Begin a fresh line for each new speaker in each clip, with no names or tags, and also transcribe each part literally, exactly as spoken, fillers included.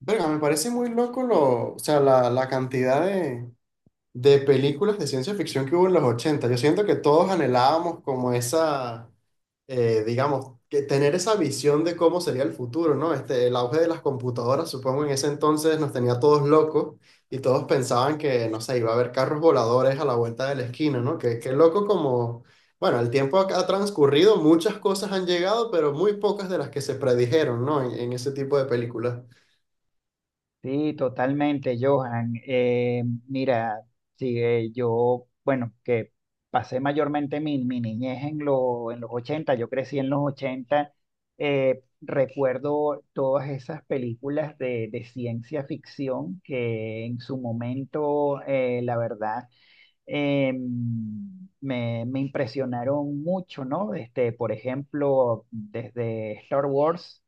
Verga, me parece muy loco lo, o sea, la, la cantidad de, de películas de ciencia ficción que hubo en los ochenta. Yo siento que todos anhelábamos como esa, eh, digamos, que tener esa visión de cómo sería el futuro, ¿no? Este, el auge de las computadoras, supongo, en ese entonces nos tenía todos locos y todos pensaban que, no sé, iba a haber carros voladores a la vuelta de la esquina, ¿no? Que, qué loco como, bueno, el tiempo ha, ha transcurrido, muchas cosas han llegado, pero muy pocas de las que se predijeron, ¿no? en en ese tipo de películas.
Sí, totalmente, Johan. Eh, mira, sí, eh, yo, bueno, que pasé mayormente mi, mi niñez en, lo- en los ochenta. Yo crecí en los ochenta. Eh, recuerdo todas esas películas de, de ciencia ficción que en su momento, eh, la verdad, eh, me, me impresionaron mucho, ¿no? Este, por ejemplo, desde Star Wars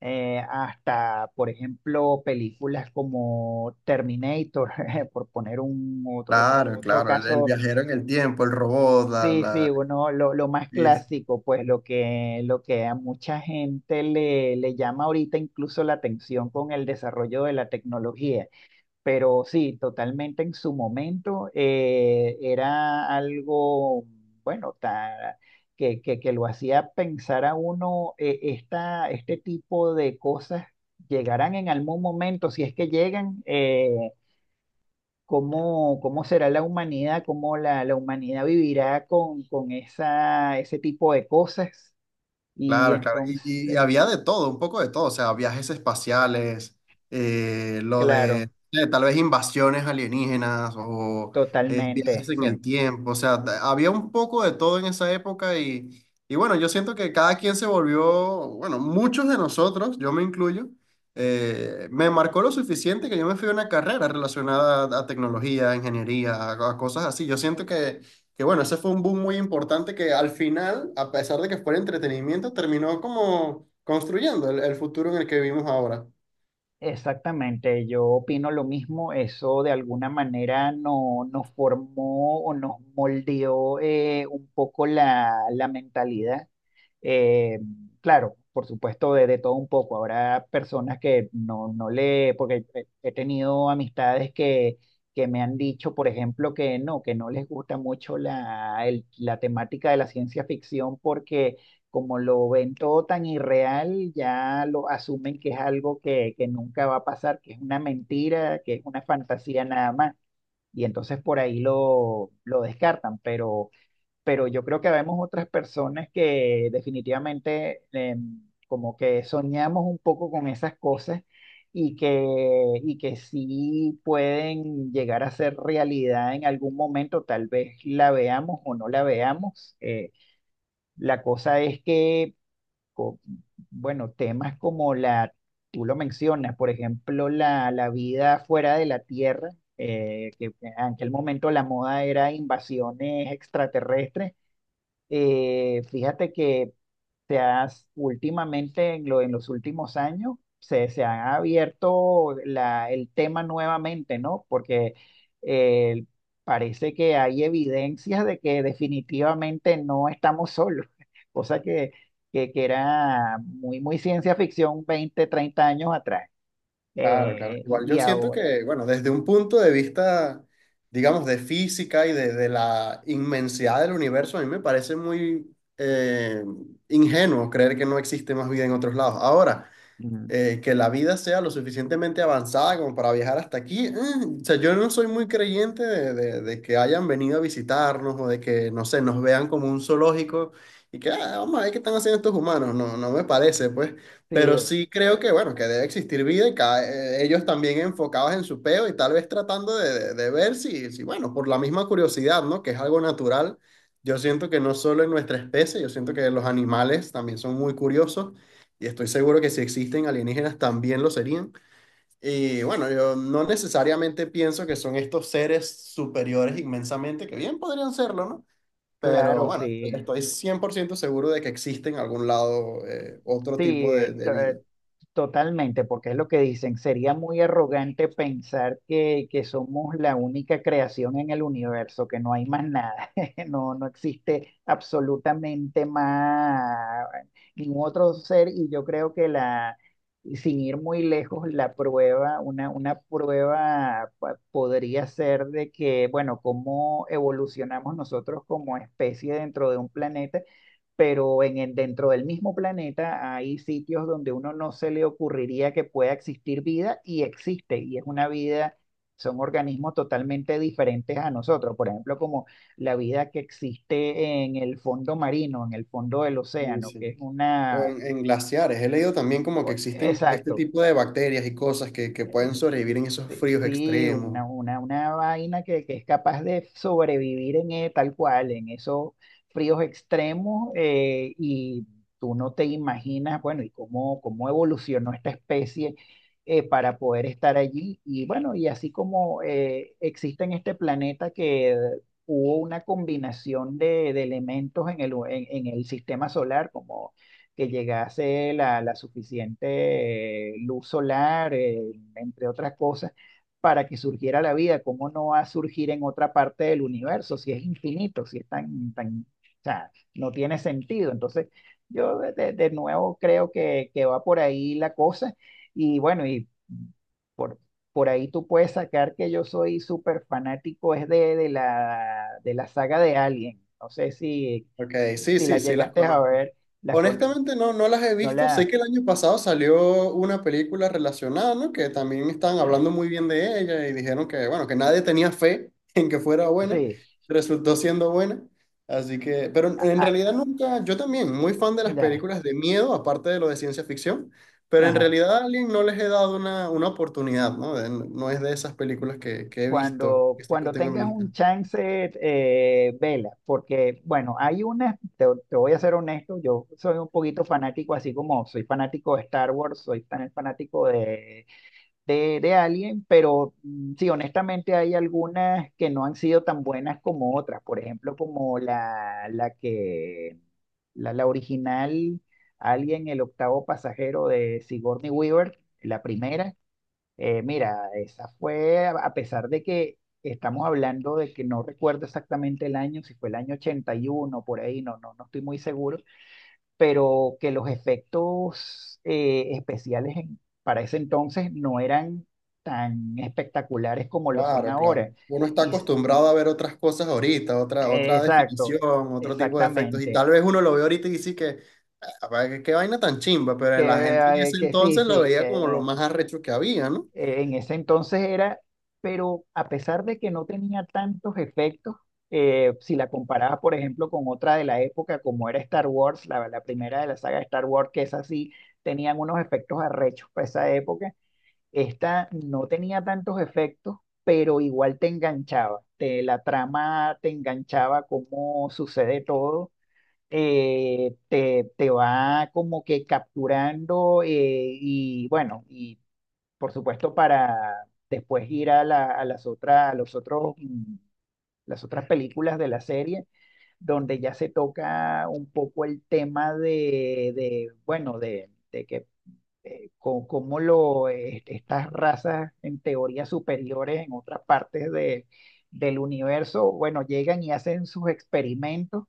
eh, hasta, por ejemplo, películas como Terminator, por poner un ot- otro,
Claro,
otro
claro, el, el
caso,
viajero en el tiempo, el robot, la,
sí, sí,
la
uno, lo, lo más
actriz.
clásico, pues lo que, lo que a mucha gente le, le llama ahorita incluso la atención con el desarrollo de la tecnología. Pero sí, totalmente en su momento eh, era algo, bueno, ta- que, que, que lo hacía pensar a uno, eh, esta, este tipo de cosas llegarán en algún momento, si es que llegan, eh, ¿cómo, cómo será la humanidad? ¿Cómo la, la humanidad vivirá con, con esa, ese tipo de cosas? Y
Claro, claro.
entonces,
Y, y había de todo, un poco de todo, o sea, viajes espaciales, eh, lo
claro,
de eh, tal vez invasiones alienígenas o eh, viajes
totalmente,
en
sí.
el tiempo, o sea, ta- había un poco de todo en esa época y, y bueno, yo siento que cada quien se volvió, bueno, muchos de nosotros, yo me incluyo, eh, me marcó lo suficiente que yo me fui a una carrera relacionada a, a tecnología, a ingeniería, a a cosas así. Yo siento que. Que bueno, ese fue un boom muy importante que al final, a pesar de que fuera entretenimiento, terminó como construyendo el, el futuro en el que vivimos ahora.
Exactamente, yo opino lo mismo, eso de alguna manera no, nos formó o nos moldeó eh, un poco la, la mentalidad. Eh, claro, por supuesto, de, de todo un poco. Habrá personas que no, no le, porque he he tenido amistades que, que me han dicho, por ejemplo, que no, que no les gusta mucho la, el- la temática de la ciencia ficción porque como lo ven todo tan irreal, ya lo asumen que es algo que, que nunca va a pasar, que es una mentira, que es una fantasía nada más. Y entonces por ahí lo, lo descartan, pero, pero yo creo que vemos otras personas que definitivamente em, como que soñamos un poco con esas cosas y que, y que sí pueden llegar a ser realidad en algún momento, tal vez la veamos o no la veamos. Eh, la cosa es que co- bueno, temas como la, tú lo mencionas, por ejemplo, la, la vida fuera de la Tierra, eh, que en aquel momento la moda era invasiones extraterrestres. Eh, fíjate que se has, últimamente, en, lo- en los últimos años, se, se ha abierto la- el tema nuevamente, ¿no? Porque eh, parece que hay evidencias de que definitivamente no estamos solos, cosa que, que, que era muy, muy ciencia ficción veinte treinta años atrás.
Claro, claro.
Eh,
Igual
y y
yo siento
ahora.
que, bueno, desde un punto de vista, digamos, de física y de, de la inmensidad del universo, a mí me parece muy eh, ingenuo creer que no existe más vida en otros lados. Ahora,
Mm.
eh, que la vida sea lo suficientemente avanzada como para viajar hasta aquí. Mm, o sea, yo no soy muy creyente de, de- de que hayan venido a visitarnos o de que, no sé, nos vean como un zoológico y que, "Ah, vamos a ver qué están haciendo estos humanos". No, no me parece, pues.
Sí,
Pero sí creo que, bueno, que debe existir vida y cada- eh, ellos también enfocados en su peo y tal vez tratando de, de- de ver si, si, bueno, por la misma curiosidad, ¿no? Que es algo natural. Yo siento que no solo en nuestra especie, yo siento que los animales también son muy curiosos y estoy seguro que si existen alienígenas también lo serían. Y bueno, yo no necesariamente pienso que son estos seres superiores inmensamente, que bien podrían serlo, ¿no? Pero
claro,
bueno,
sí.
estoy cien por ciento seguro de que existe en algún lado eh, otro tipo de,
Sí,
de vida.
totalmente, porque es lo que dicen, sería muy arrogante pensar que, que somos la única creación en el universo, que no hay más nada, no, no existe absolutamente más ningún otro ser y yo creo que la, y sin ir muy lejos, la prueba, una, una prueba pa- podría ser de que, bueno, cómo evolucionamos nosotros como especie dentro de un planeta pero en el- dentro del mismo planeta hay sitios donde uno no se le ocurriría que pueda existir vida y existe, y es una vida, son organismos totalmente diferentes a nosotros, por ejemplo, como la vida que existe en el fondo marino, en el fondo del
Sí,
océano, que es
sí. O
una,
en, en glaciares. He leído también como que
o-
existen este
exacto,
tipo de bacterias y cosas que, que pueden sobrevivir en esos
sí,
fríos
sí, una,
extremos.
una, una vaina que, que es capaz de sobrevivir en eh, tal cual, en esos fríos extremos, eh, y tú no te imaginas, bueno, y cómo, cómo evolucionó esta especie eh, para poder estar allí. Y bueno, y así como eh, existe en este planeta que hubo una combinación de, de elementos en el, en, en el sistema solar, como que llegase la, la suficiente eh, luz solar, eh, entre otras cosas para que surgiera la vida, ¿cómo no va a surgir en otra parte del universo si es infinito, si es tan, tan, o sea, no tiene sentido? Entonces, yo de, de- de nuevo creo que, que va por ahí la cosa y bueno, y por ahí tú puedes sacar que yo soy súper fanático, es de, de la, de la saga de Alien. No sé si,
Ok, sí,
si la
sí, sí las
llegaste a
conozco.
ver, la con el-
Honestamente no, no las he
no
visto. Sé
la,
que el año pasado salió una película relacionada, ¿no? Que también estaban
eh,
hablando muy bien de ella y dijeron que, bueno, que nadie tenía fe en que fuera buena.
sí,
Resultó siendo buena. Así que, pero
a-
en
a-
realidad nunca, yo también, muy fan de las
ya,
películas de miedo, aparte de lo de ciencia ficción, pero en
ajá.
realidad a Alien no les he dado una, una oportunidad, ¿no? De- no es de esas películas que, que he visto,
Cuando,
que sí lo
cuando
tengo en
tengas
mi lista.
un chance, eh, vela, porque bueno, hay una, te, te voy a ser honesto, yo soy un poquito fanático, así como soy fanático de Star Wars, soy tan fanático de, de, de Alien, pero mm, sí, honestamente hay algunas que no han sido tan buenas como otras, por ejemplo, como la, la que, la, la original Alien, el octavo pasajero de Sigourney Weaver, la primera eh, mira, esa fue, a a pesar de que estamos hablando de que no recuerdo exactamente el año, si fue el año ochenta y uno por ahí, no, no, no estoy muy seguro, pero que los efectos eh, especiales en- para ese entonces no eran tan espectaculares como lo son
Claro,
ahora.
claro. Uno está
Y, s-
acostumbrado a ver otras cosas ahorita, otra,
eh,
otra definición,
exacto,
otro tipo de efectos. Y
exactamente.
tal vez uno lo ve ahorita y dice que, "Ah, pa- qué qué vaina tan chimba",
Que,
pero la gente en
eh,
ese
que sí,
entonces lo
sí,
veía como lo
que
más arrecho que había, ¿no?
eh, en ese entonces era, pero a pesar de que no tenía tantos efectos, eh, si la comparabas, por ejemplo, con otra de la época, como era Star Wars, la, la primera de la saga de Star Wars, que es así, tenían unos efectos arrechos para esa época, esta no tenía tantos efectos, pero igual te enganchaba, te, la trama te enganchaba, cómo sucede todo. eh, te, te va como que capturando eh, y bueno, y por supuesto, para después ir a, la- a las otras, a los otros, mm, las otras películas de la serie, donde ya se toca un poco el tema de, de, bueno, de, de que eh, co- cómo lo, eh, estas razas en teoría superiores en otras partes de, del universo, bueno, llegan y hacen sus experimentos.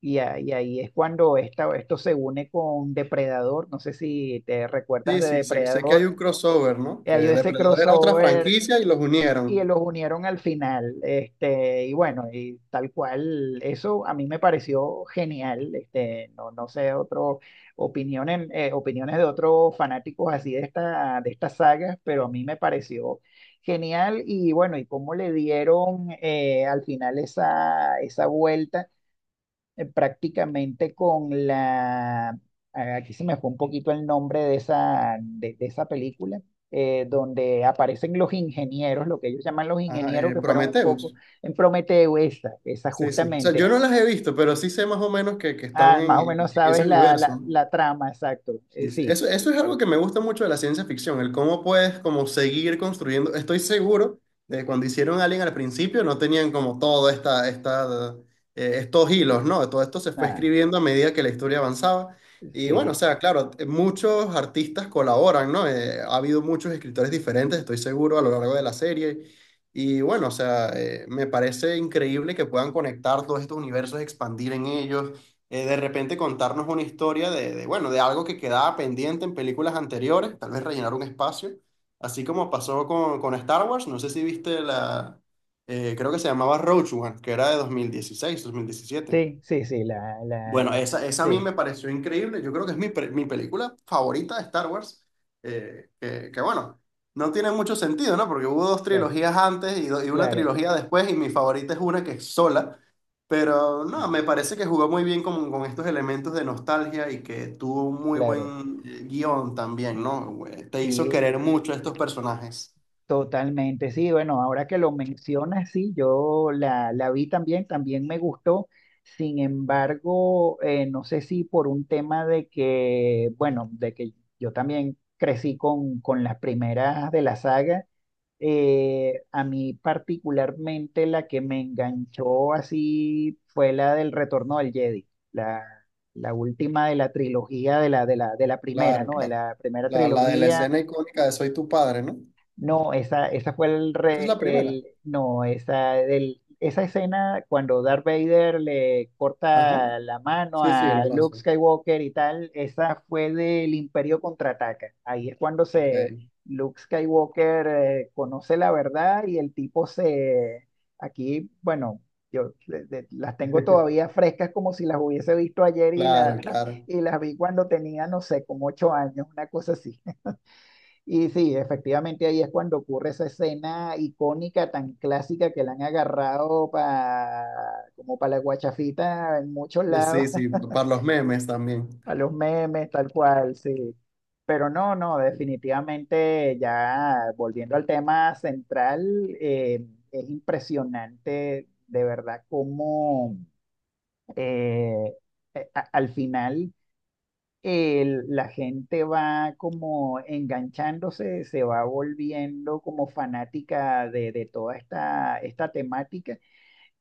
Y, a- y ahí es cuando esta, esto se une con Depredador. No sé si te recuerdas
Sí,
de
sí, sé, sé que hay
Depredador.
un crossover, ¿no?
Eh,
Que
Hay ese
Depredador era otra
crossover
franquicia y los
y
unieron.
los unieron al final. Este, y bueno, y tal cual, eso a mí me pareció genial. Este, no, no sé, otro, opiniones, eh, opiniones de otros fanáticos así de esta, de estas sagas, pero a mí me pareció genial. Y bueno, y cómo le dieron eh, al final esa, esa vuelta eh, prácticamente con la, ah, aquí se me fue un poquito el nombre de esa, de, de esa película, eh, donde aparecen los ingenieros, lo que ellos llaman los
Ajá,
ingenieros,
eh,
que fueron un poco
Prometheus.
en Prometeo, esa, esa
Sí, sí. O sea, yo
justamente.
no las he visto, pero sí sé más o menos que, que están
Ah,
en,
más o
en
menos sabes
ese
la, la,
universo, ¿no?
la trama, exacto. Eh,
Sí, sí.
sí,
Eso, eso es algo que me gusta mucho de la ciencia ficción, el cómo puedes como seguir construyendo. Estoy seguro de que cuando hicieron Alien al principio no tenían como todo esta, esta, eh, estos hilos, ¿no? Todo esto se fue
ah,
escribiendo a medida que la historia avanzaba. Y bueno, o
sí,
sea, claro, eh, muchos artistas colaboran, ¿no? Eh, ha habido muchos escritores diferentes, estoy seguro, a lo largo de la serie. Y bueno, o sea, eh, me parece increíble que puedan conectar todos estos universos, expandir en ellos eh, de repente contarnos una historia de, de, bueno, de algo que quedaba pendiente en películas anteriores, tal vez rellenar un espacio, así como pasó con, con Star Wars, no sé si viste la, eh, creo que se llamaba Rogue One, que era de dos dos mil dieciséis dos mil diecisiete.
sí, sí, sí, la, la,
Bueno,
la,
esa, esa a mí
sí,
me pareció increíble. Yo creo que es mi, pre- mi película favorita de Star Wars. eh, que, que bueno, no tiene mucho sentido, ¿no? Porque hubo dos
claro,
trilogías antes y, do- y una
claro,
trilogía después, y mi favorita es una que es sola. Pero no,
claro,
me parece que jugó muy bien con, con estos elementos de nostalgia y que tuvo un muy
claro.
buen eh, guión también, ¿no? Eh, Te hizo
Sí,
querer mucho a estos personajes.
totalmente, sí, bueno, ahora que lo mencionas, sí, yo la, la vi también, también me gustó, sin embargo, eh, no sé si por un tema de que, bueno, de que yo también crecí con, con las primeras de la saga, eh, a mí particularmente la que me enganchó así fue la del Retorno del Jedi, la, la última de la trilogía, de la, de la, de la primera,
Claro,
¿no? De
claro.
la primera
La, la de la
trilogía
escena icónica de "Soy tu padre", ¿no?
no, esa, esa fue el,
Esa es
re-
la primera.
el no, esa, del- esa escena cuando Darth Vader le
Ajá.
corta la mano
Sí, sí, el
a Luke
brazo.
Skywalker y tal, esa fue del Imperio Contraataca. Ahí es cuando se
Ok.
Luke Skywalker eh, conoce la verdad y el tipo se, aquí, bueno, yo le- le- las tengo todavía frescas como si las hubiese visto ayer y,
Claro,
la,
claro.
y las vi cuando tenía, no sé, como ocho años, una cosa así. Y sí, efectivamente ahí es cuando ocurre esa escena icónica tan clásica que la han agarrado pa, como para la guachafita en muchos
Eh,
lados,
Sí, sí, para los memes también.
a los memes, tal cual, sí. Pero no, no, definitivamente ya volviendo al tema central, eh, es impresionante de verdad cómo eh, a- a- al final eh, el- la gente va como enganchándose, se va volviendo como fanática de, de toda esta, esta temática,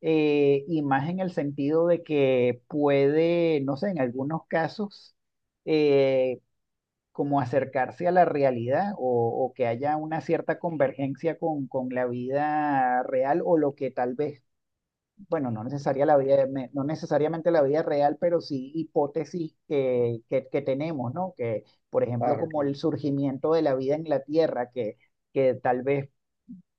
eh, y más en el sentido de que puede, no sé, en algunos casos, eh, como acercarse a la realidad o, o que haya una cierta convergencia con, con la vida real o lo que tal vez bueno, no necesaria la vida, me- no necesariamente la vida real, pero sí hipótesis que, que, que tenemos, ¿no? Que, por ejemplo,
Claro,
como
claro.
el surgimiento de la vida en la Tierra, que, que tal vez,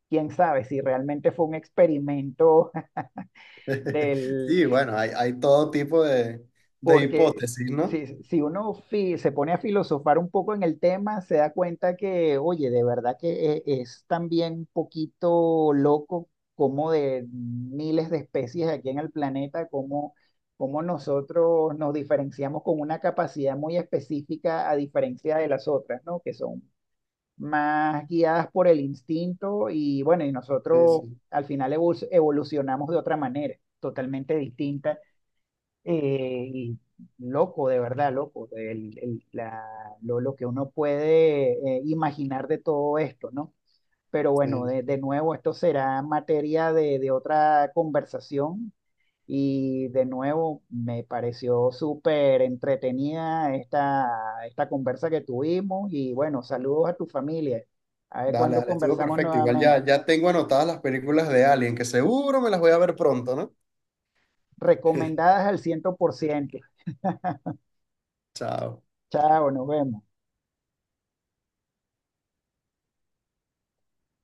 quién sabe, si realmente fue un experimento del,
Sí, bueno, hay, hay todo tipo de, de
porque
hipótesis, ¿no?
si, si uno fi- se pone a filosofar un poco en el tema, se da cuenta que, oye, de verdad que e- es también un poquito loco como de miles de especies aquí en el planeta, como, como nosotros nos diferenciamos con una capacidad muy específica a diferencia de las otras, ¿no? Que son más guiadas por el instinto y bueno, y
Sí,
nosotros
sí,
al final evol- evolucionamos de otra manera, totalmente distinta eh, y loco, de verdad, loco, el- el- la- lo, lo que uno puede eh, imaginar de todo esto, ¿no? Pero bueno,
sí.
de, de nuevo, esto será materia de, de otra conversación y de nuevo me pareció súper entretenida esta, esta conversa que tuvimos y bueno, saludos a tu familia. A
Dale,
ver
Dale,
cuándo
dale. Estuvo
conversamos
perfecto. Igual ya,
nuevamente.
ya tengo anotadas las películas de Alien, que seguro me las voy a ver pronto, ¿no?
Recomendadas al cien por ciento.
Chao.
Chao, nos vemos.